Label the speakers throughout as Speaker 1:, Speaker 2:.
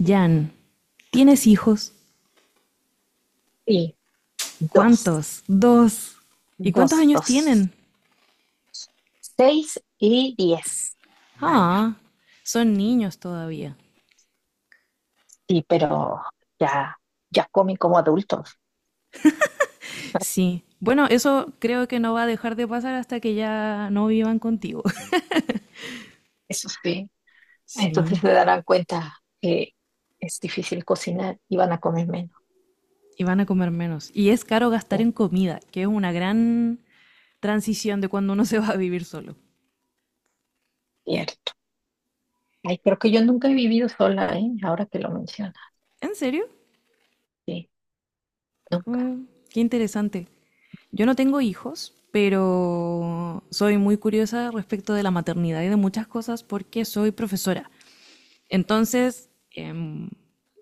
Speaker 1: Jan, ¿tienes hijos?
Speaker 2: Sí, dos,
Speaker 1: ¿Cuántos? Dos. ¿Y cuántos
Speaker 2: dos,
Speaker 1: años
Speaker 2: dos.
Speaker 1: tienen?
Speaker 2: Seis y diez años.
Speaker 1: Ah, son niños todavía.
Speaker 2: Sí, pero ya, ya comen como adultos,
Speaker 1: Sí. Bueno, eso creo que no va a dejar de pasar hasta que ya no vivan contigo.
Speaker 2: eso sí. Entonces
Speaker 1: Sí.
Speaker 2: se darán cuenta que es difícil cocinar y van a comer menos.
Speaker 1: Y van a comer menos. Y es caro gastar
Speaker 2: Sí,
Speaker 1: en comida, que es una gran transición de cuando uno se va a vivir solo.
Speaker 2: cierto. Ay, creo que yo nunca he vivido sola, ¿eh? Ahora que lo mencionas,
Speaker 1: ¿En serio?
Speaker 2: sí, nunca.
Speaker 1: Mm, qué interesante. Yo no tengo hijos, pero soy muy curiosa respecto de la maternidad y de muchas cosas porque soy profesora. Entonces,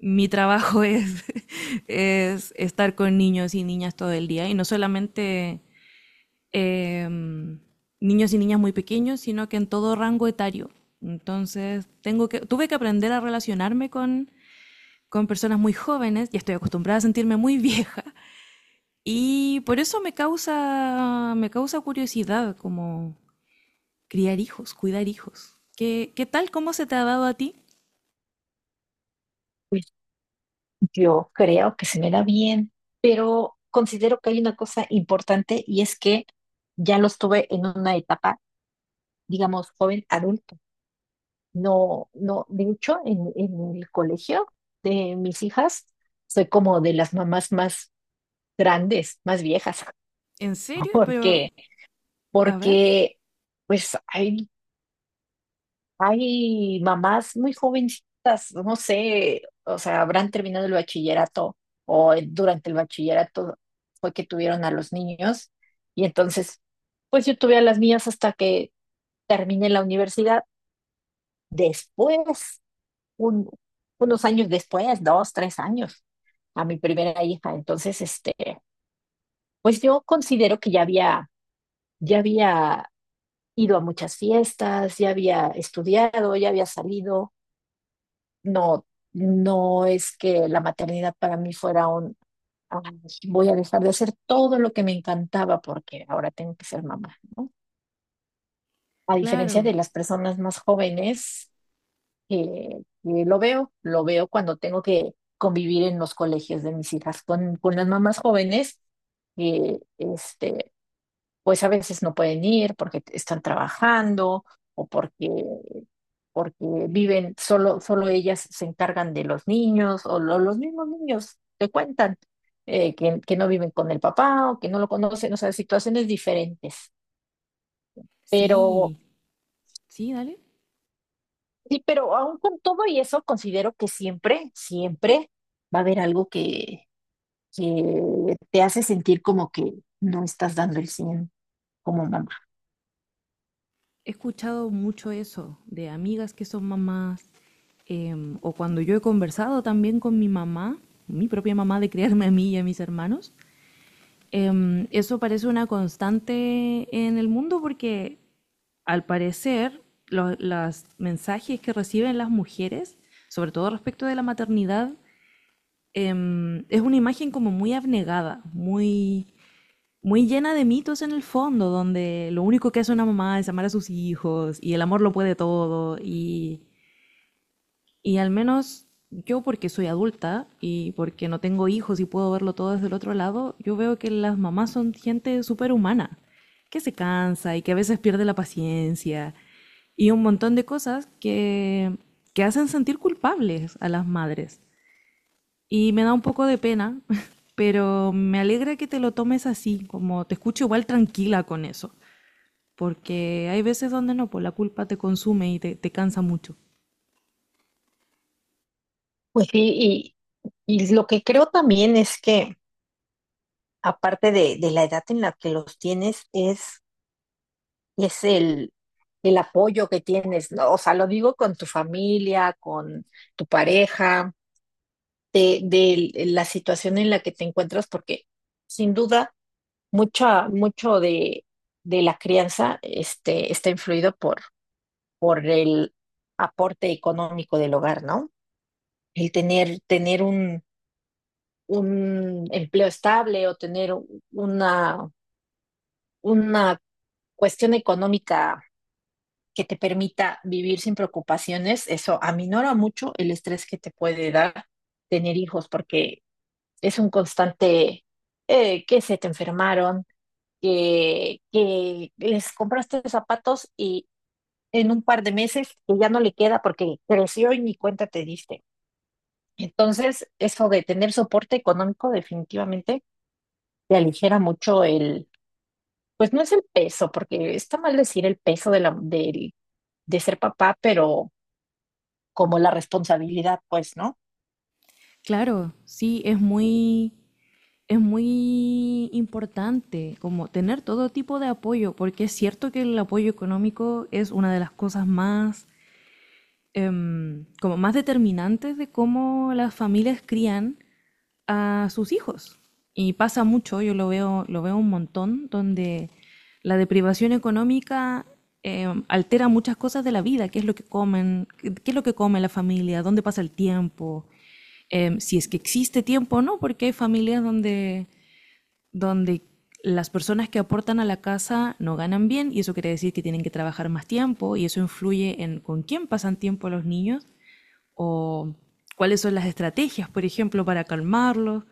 Speaker 1: mi trabajo es, es estar con niños y niñas todo el día, y no solamente em, niños y niñas muy pequeños, sino que en todo rango etario. Entonces, tengo que, tuve que aprender a relacionarme con personas muy jóvenes, y estoy acostumbrada a sentirme muy vieja, y por eso me causa curiosidad como criar hijos, cuidar hijos. ¿Qué, qué tal? ¿Cómo se te ha dado a ti?
Speaker 2: Pues yo creo que se me da bien, pero considero que hay una cosa importante y es que ya lo estuve en una etapa, digamos, joven adulto. No, no, de hecho, en el colegio de mis hijas, soy como de las mamás más grandes, más viejas.
Speaker 1: ¿En serio? Pero,
Speaker 2: porque
Speaker 1: a ver,
Speaker 2: Porque, pues, hay mamás muy jovencitas, no sé, o sea, habrán terminado el bachillerato o durante el bachillerato fue que tuvieron a los niños. Y entonces, pues yo tuve a las mías hasta que terminé la universidad. Después un- unos años después, dos, tres años, a mi primera hija. Entonces, pues yo considero que ya había ido a muchas fiestas, ya había estudiado, ya había salido. No, no es que la maternidad para mí fuera un, "Ay, voy a dejar de hacer todo lo que me encantaba porque ahora tengo que ser mamá, ¿no?" A diferencia
Speaker 1: claro,
Speaker 2: de las personas más jóvenes eh, lo veo cuando tengo que convivir en los colegios de mis hijas con las mamás jóvenes, eh, este, pues a veces no pueden ir porque están trabajando o porque, porque viven, solo, solo ellas se encargan de los niños o los mismos niños te cuentan que no viven con el papá o que no lo conocen, o sea, situaciones diferentes.
Speaker 1: sí, sí, dale.
Speaker 2: Sí, pero aún con todo y eso, considero que siempre, siempre va a haber algo que te hace sentir como que no estás dando el 100 como mamá.
Speaker 1: He escuchado mucho eso de amigas que son mamás, o cuando yo he conversado también con mi mamá, mi propia mamá, de criarme a mí y a mis hermanos. Eso parece una constante en el mundo porque al parecer los mensajes que reciben las mujeres, sobre todo respecto de la maternidad, es una imagen como muy abnegada, muy muy llena de mitos en el fondo, donde lo único que hace una mamá es amar a sus hijos y el amor lo puede todo y al menos yo porque soy adulta y porque no tengo hijos y puedo verlo todo desde el otro lado, yo veo que las mamás son gente súper humana, que se cansa y que a veces pierde la paciencia y un montón de cosas que hacen sentir culpables a las madres. Y me da un poco de pena, pero me alegra que te lo tomes así, como te escucho igual tranquila con eso, porque hay veces donde no, pues la culpa te consume y te cansa mucho.
Speaker 2: Pues sí, y lo que creo también es que, aparte de la edad en la que los tienes, es el apoyo que tienes, ¿no? O sea, lo digo con tu familia, con tu pareja, de la situación en la que te encuentras, porque sin duda. Mucha, mucho de la crianza está influido por el aporte económico del hogar, ¿no? El tener, tener un empleo estable o tener una, una cuestión económica que te permita vivir sin preocupaciones, eso aminora mucho el estrés que te puede dar tener hijos, porque es un constante que se te enfermaron, que les compraste zapatos y, en un par de meses que ya no le queda porque creció y ni cuenta te diste. Entonces, eso de tener soporte económico definitivamente te aligera mucho el, pues no es el peso, porque está mal decir el peso de la, de ser papá, pero como la responsabilidad, pues, ¿no?
Speaker 1: Claro, sí, es muy importante como tener todo tipo de apoyo, porque es cierto que el apoyo económico es una de las cosas más como más determinantes de cómo las familias crían a sus hijos. Y pasa mucho, yo lo veo un montón, donde la deprivación económica altera muchas cosas de la vida, qué es lo que comen, qué es lo que come la familia, dónde pasa el tiempo, si es que existe tiempo o no, porque hay familias donde donde las personas que aportan a la casa no ganan bien y eso quiere decir que tienen que trabajar más tiempo y eso influye en con quién pasan tiempo los niños o cuáles son las estrategias, por ejemplo, para calmarlos.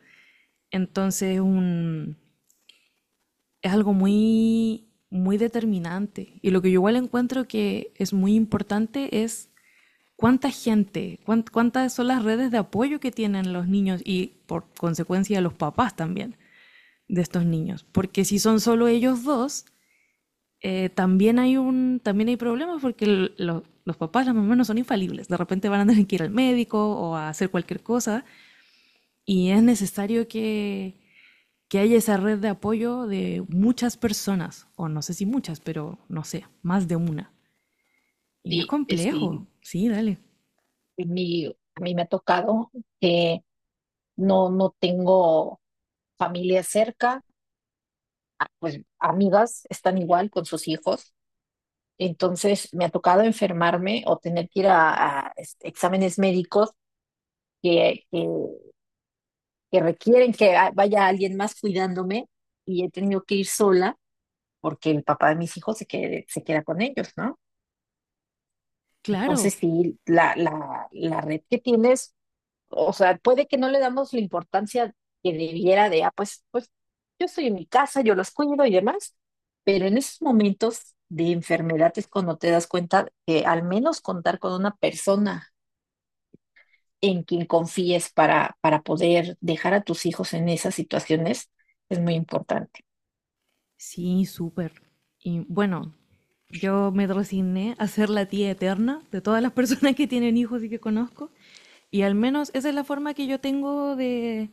Speaker 1: Entonces un, es algo muy, muy determinante. Y lo que yo igual encuentro que es muy importante es cuánta gente, cuántas son las redes de apoyo que tienen los niños y por consecuencia los papás también de estos niños. Porque si son solo ellos dos, también hay un, también hay problemas porque los papás, las mamás no son infalibles. De repente van a tener que ir al médico o a hacer cualquier cosa y es necesario que haya esa red de apoyo de muchas personas, o no sé si muchas, pero no sé, más de una. Y es
Speaker 2: Sí,
Speaker 1: complejo.
Speaker 2: sí,
Speaker 1: Sí, dale.
Speaker 2: mi, a mí me ha tocado que no, no tengo familia cerca, pues amigas están igual con sus hijos. Entonces me ha tocado enfermarme o tener que ir a, exámenes médicos que, que requieren que vaya alguien más cuidándome y he tenido que ir sola porque el papá de mis hijos se, se queda con ellos, ¿no?
Speaker 1: Claro.
Speaker 2: Entonces sí, la red que tienes, o sea, puede que no le damos la importancia que debiera de, ah, pues, pues yo estoy en mi casa, yo los cuido y demás, pero en esos momentos de enfermedad es cuando te das cuenta que al menos contar con una persona en quien confíes para poder dejar a tus hijos en esas situaciones es muy importante.
Speaker 1: Sí, súper. Y bueno, yo me resigné a ser la tía eterna de todas las personas que tienen hijos y que conozco. Y al menos esa es la forma que yo tengo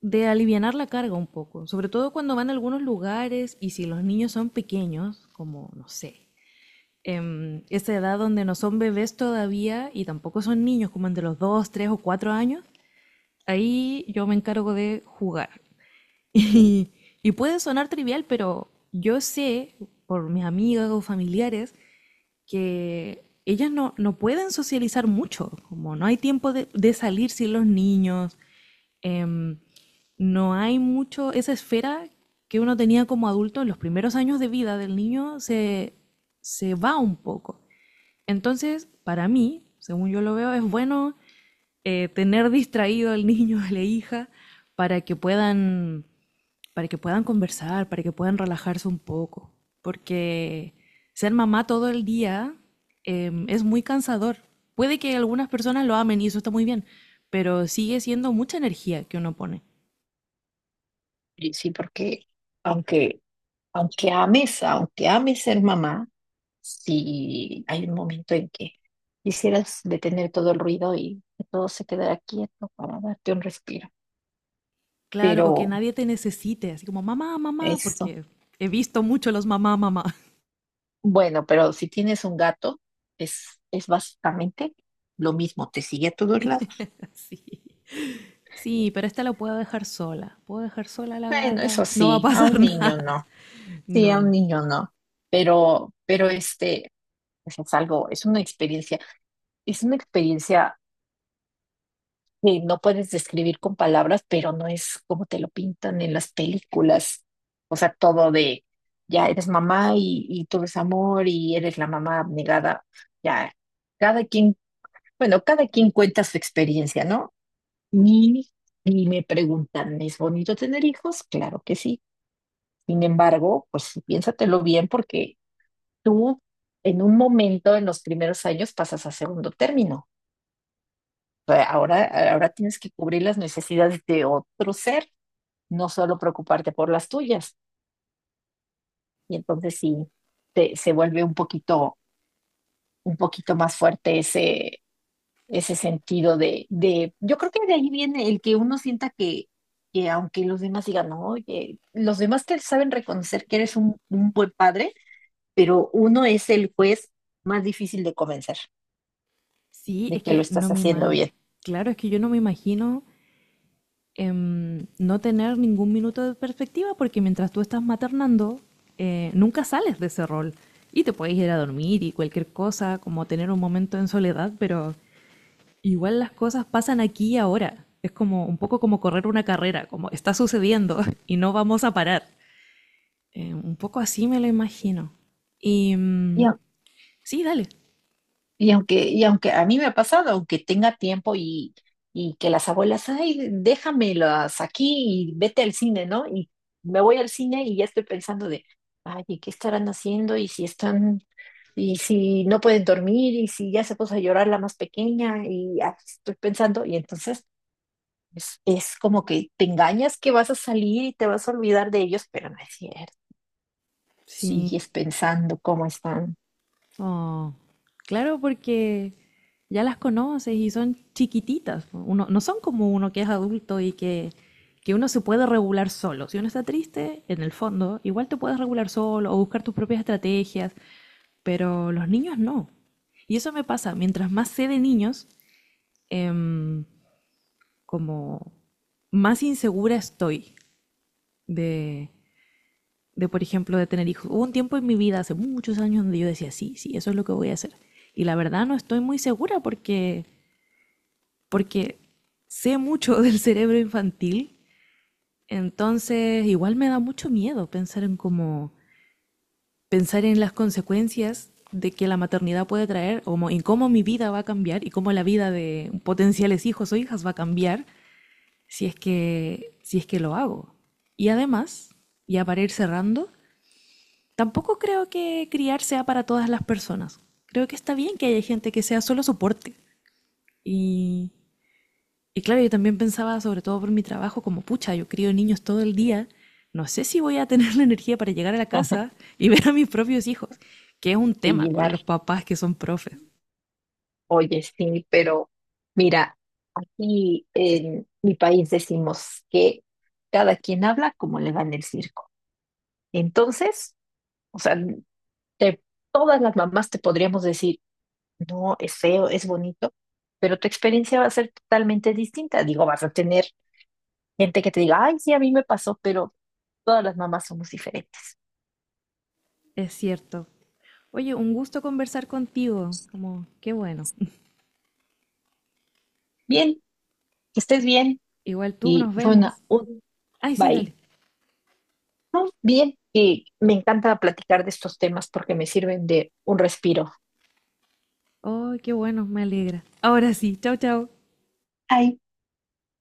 Speaker 1: de alivianar la carga un poco, sobre todo cuando van a algunos lugares y si los niños son pequeños, como no sé, esa edad donde no son bebés todavía y tampoco son niños, como entre los 2 3 o 4 años, ahí yo me encargo de jugar. Y, y puede sonar trivial, pero yo sé por mis amigas o familiares que ellas no, no pueden socializar mucho, como no hay tiempo de salir sin los niños, em, no hay mucho, esa esfera que uno tenía como adulto en los primeros años de vida del niño se, se va un poco. Entonces, para mí, según yo lo veo, es bueno tener distraído al niño, a la hija, para que puedan, para que puedan conversar, para que puedan relajarse un poco. Porque ser mamá todo el día es muy cansador. Puede que algunas personas lo amen y eso está muy bien, pero sigue siendo mucha energía que uno pone.
Speaker 2: Y sí, porque aunque, aunque ames ser mamá, si hay un momento en que quisieras detener todo el ruido y que todo se quedara quieto para darte un respiro.
Speaker 1: Claro, o que
Speaker 2: Pero
Speaker 1: nadie te necesite, así como mamá, mamá,
Speaker 2: eso,
Speaker 1: porque he visto mucho los mamá, mamá.
Speaker 2: bueno, pero si tienes un gato, es básicamente lo mismo, te sigue a todos lados.
Speaker 1: Sí. Sí, pero esta la puedo dejar sola. Puedo dejar sola a la
Speaker 2: Bueno, eso
Speaker 1: gata, no va a
Speaker 2: sí, a
Speaker 1: pasar
Speaker 2: un niño
Speaker 1: nada.
Speaker 2: no. Sí, a un
Speaker 1: No.
Speaker 2: niño no, pero, pero pues es algo, es una experiencia que no puedes describir con palabras, pero no es como te lo pintan en las películas. O sea, todo de, ya eres mamá y tú eres amor y eres la mamá abnegada. Ya, cada quien, bueno, cada quien cuenta su experiencia, ¿no? Y, y me preguntan, ¿es bonito tener hijos? Claro que sí. Sin embargo, pues piénsatelo bien porque tú en un momento, en los primeros años, pasas a segundo término. O sea, ahora, ahora tienes que cubrir las necesidades de otro ser, no solo preocuparte por las tuyas. Y entonces sí, se vuelve un poquito más fuerte ese, ese sentido de, yo creo que de ahí viene el que uno sienta que aunque los demás digan, "No, oye, los demás te saben reconocer que eres un buen padre, pero uno es el juez más difícil de convencer
Speaker 1: Sí,
Speaker 2: de
Speaker 1: es
Speaker 2: que lo
Speaker 1: que
Speaker 2: estás
Speaker 1: no me
Speaker 2: haciendo
Speaker 1: ima.
Speaker 2: bien".
Speaker 1: Claro, es que yo no me imagino no tener ningún minuto de perspectiva porque mientras tú estás maternando, nunca sales de ese rol. Y te puedes ir a dormir y cualquier cosa, como tener un momento en soledad, pero igual las cosas pasan aquí y ahora. Es como un poco como correr una carrera, como está sucediendo y no vamos a parar. Un poco así me lo imagino. Y
Speaker 2: Y,
Speaker 1: mm, sí, dale.
Speaker 2: y aunque a mí me ha pasado, aunque tenga tiempo y que las abuelas, ay, déjamelas aquí y vete al cine, ¿no? Y me voy al cine y ya estoy pensando de, ay, ¿y qué estarán haciendo? Y si están, y si no pueden dormir, y si ya se puso a llorar la más pequeña, y ay, estoy pensando, y entonces es como que te engañas que vas a salir y te vas a olvidar de ellos, pero no es cierto.
Speaker 1: Sí.
Speaker 2: Sigues pensando cómo están
Speaker 1: Oh, claro, porque ya las conoces y son chiquititas. Uno, no son como uno que es adulto y que uno se puede regular solo. Si uno está triste, en el fondo, igual te puedes regular solo o buscar tus propias estrategias, pero los niños no. Y eso me pasa, mientras más sé de niños, em, como más insegura estoy de, de, por ejemplo, de tener hijos. Hubo un tiempo en mi vida, hace muchos años, donde yo decía, sí, sí, eso es lo que voy a hacer. Y la verdad no estoy muy segura porque, porque sé mucho del cerebro infantil, entonces igual me da mucho miedo pensar en cómo, pensar en las consecuencias de que la maternidad puede traer, o en cómo mi vida va a cambiar y cómo la vida de potenciales hijos o hijas va a cambiar si es que, si es que lo hago. Y además, ya para ir cerrando, tampoco creo que criar sea para todas las personas. Creo que está bien que haya gente que sea solo soporte. Y, y claro, yo también pensaba, sobre todo por mi trabajo, como pucha, yo crío niños todo el día. No sé si voy a tener la energía para llegar a la casa y ver a mis propios hijos, que es un
Speaker 2: y
Speaker 1: tema con
Speaker 2: llegar.
Speaker 1: los papás que son profes.
Speaker 2: Oye, sí, pero mira, aquí en mi país decimos que cada quien habla como le va en el circo. Entonces, o sea, te- todas las mamás te podríamos decir, no, es feo, es bonito, pero tu experiencia va a ser totalmente distinta. Digo, vas a tener gente que te diga, ay, sí, a mí me pasó, pero todas las mamás somos diferentes.
Speaker 1: Es cierto. Oye, un gusto conversar contigo. Como, qué bueno.
Speaker 2: Bien, que estés bien
Speaker 1: Igual tú,
Speaker 2: y
Speaker 1: nos
Speaker 2: fue una,
Speaker 1: vemos.
Speaker 2: un
Speaker 1: Ay, sí,
Speaker 2: bye.
Speaker 1: dale.
Speaker 2: No, bien, y me encanta platicar de estos temas porque me sirven de un respiro.
Speaker 1: Ay, qué bueno, me alegra. Ahora sí, chao, chao.
Speaker 2: Ay,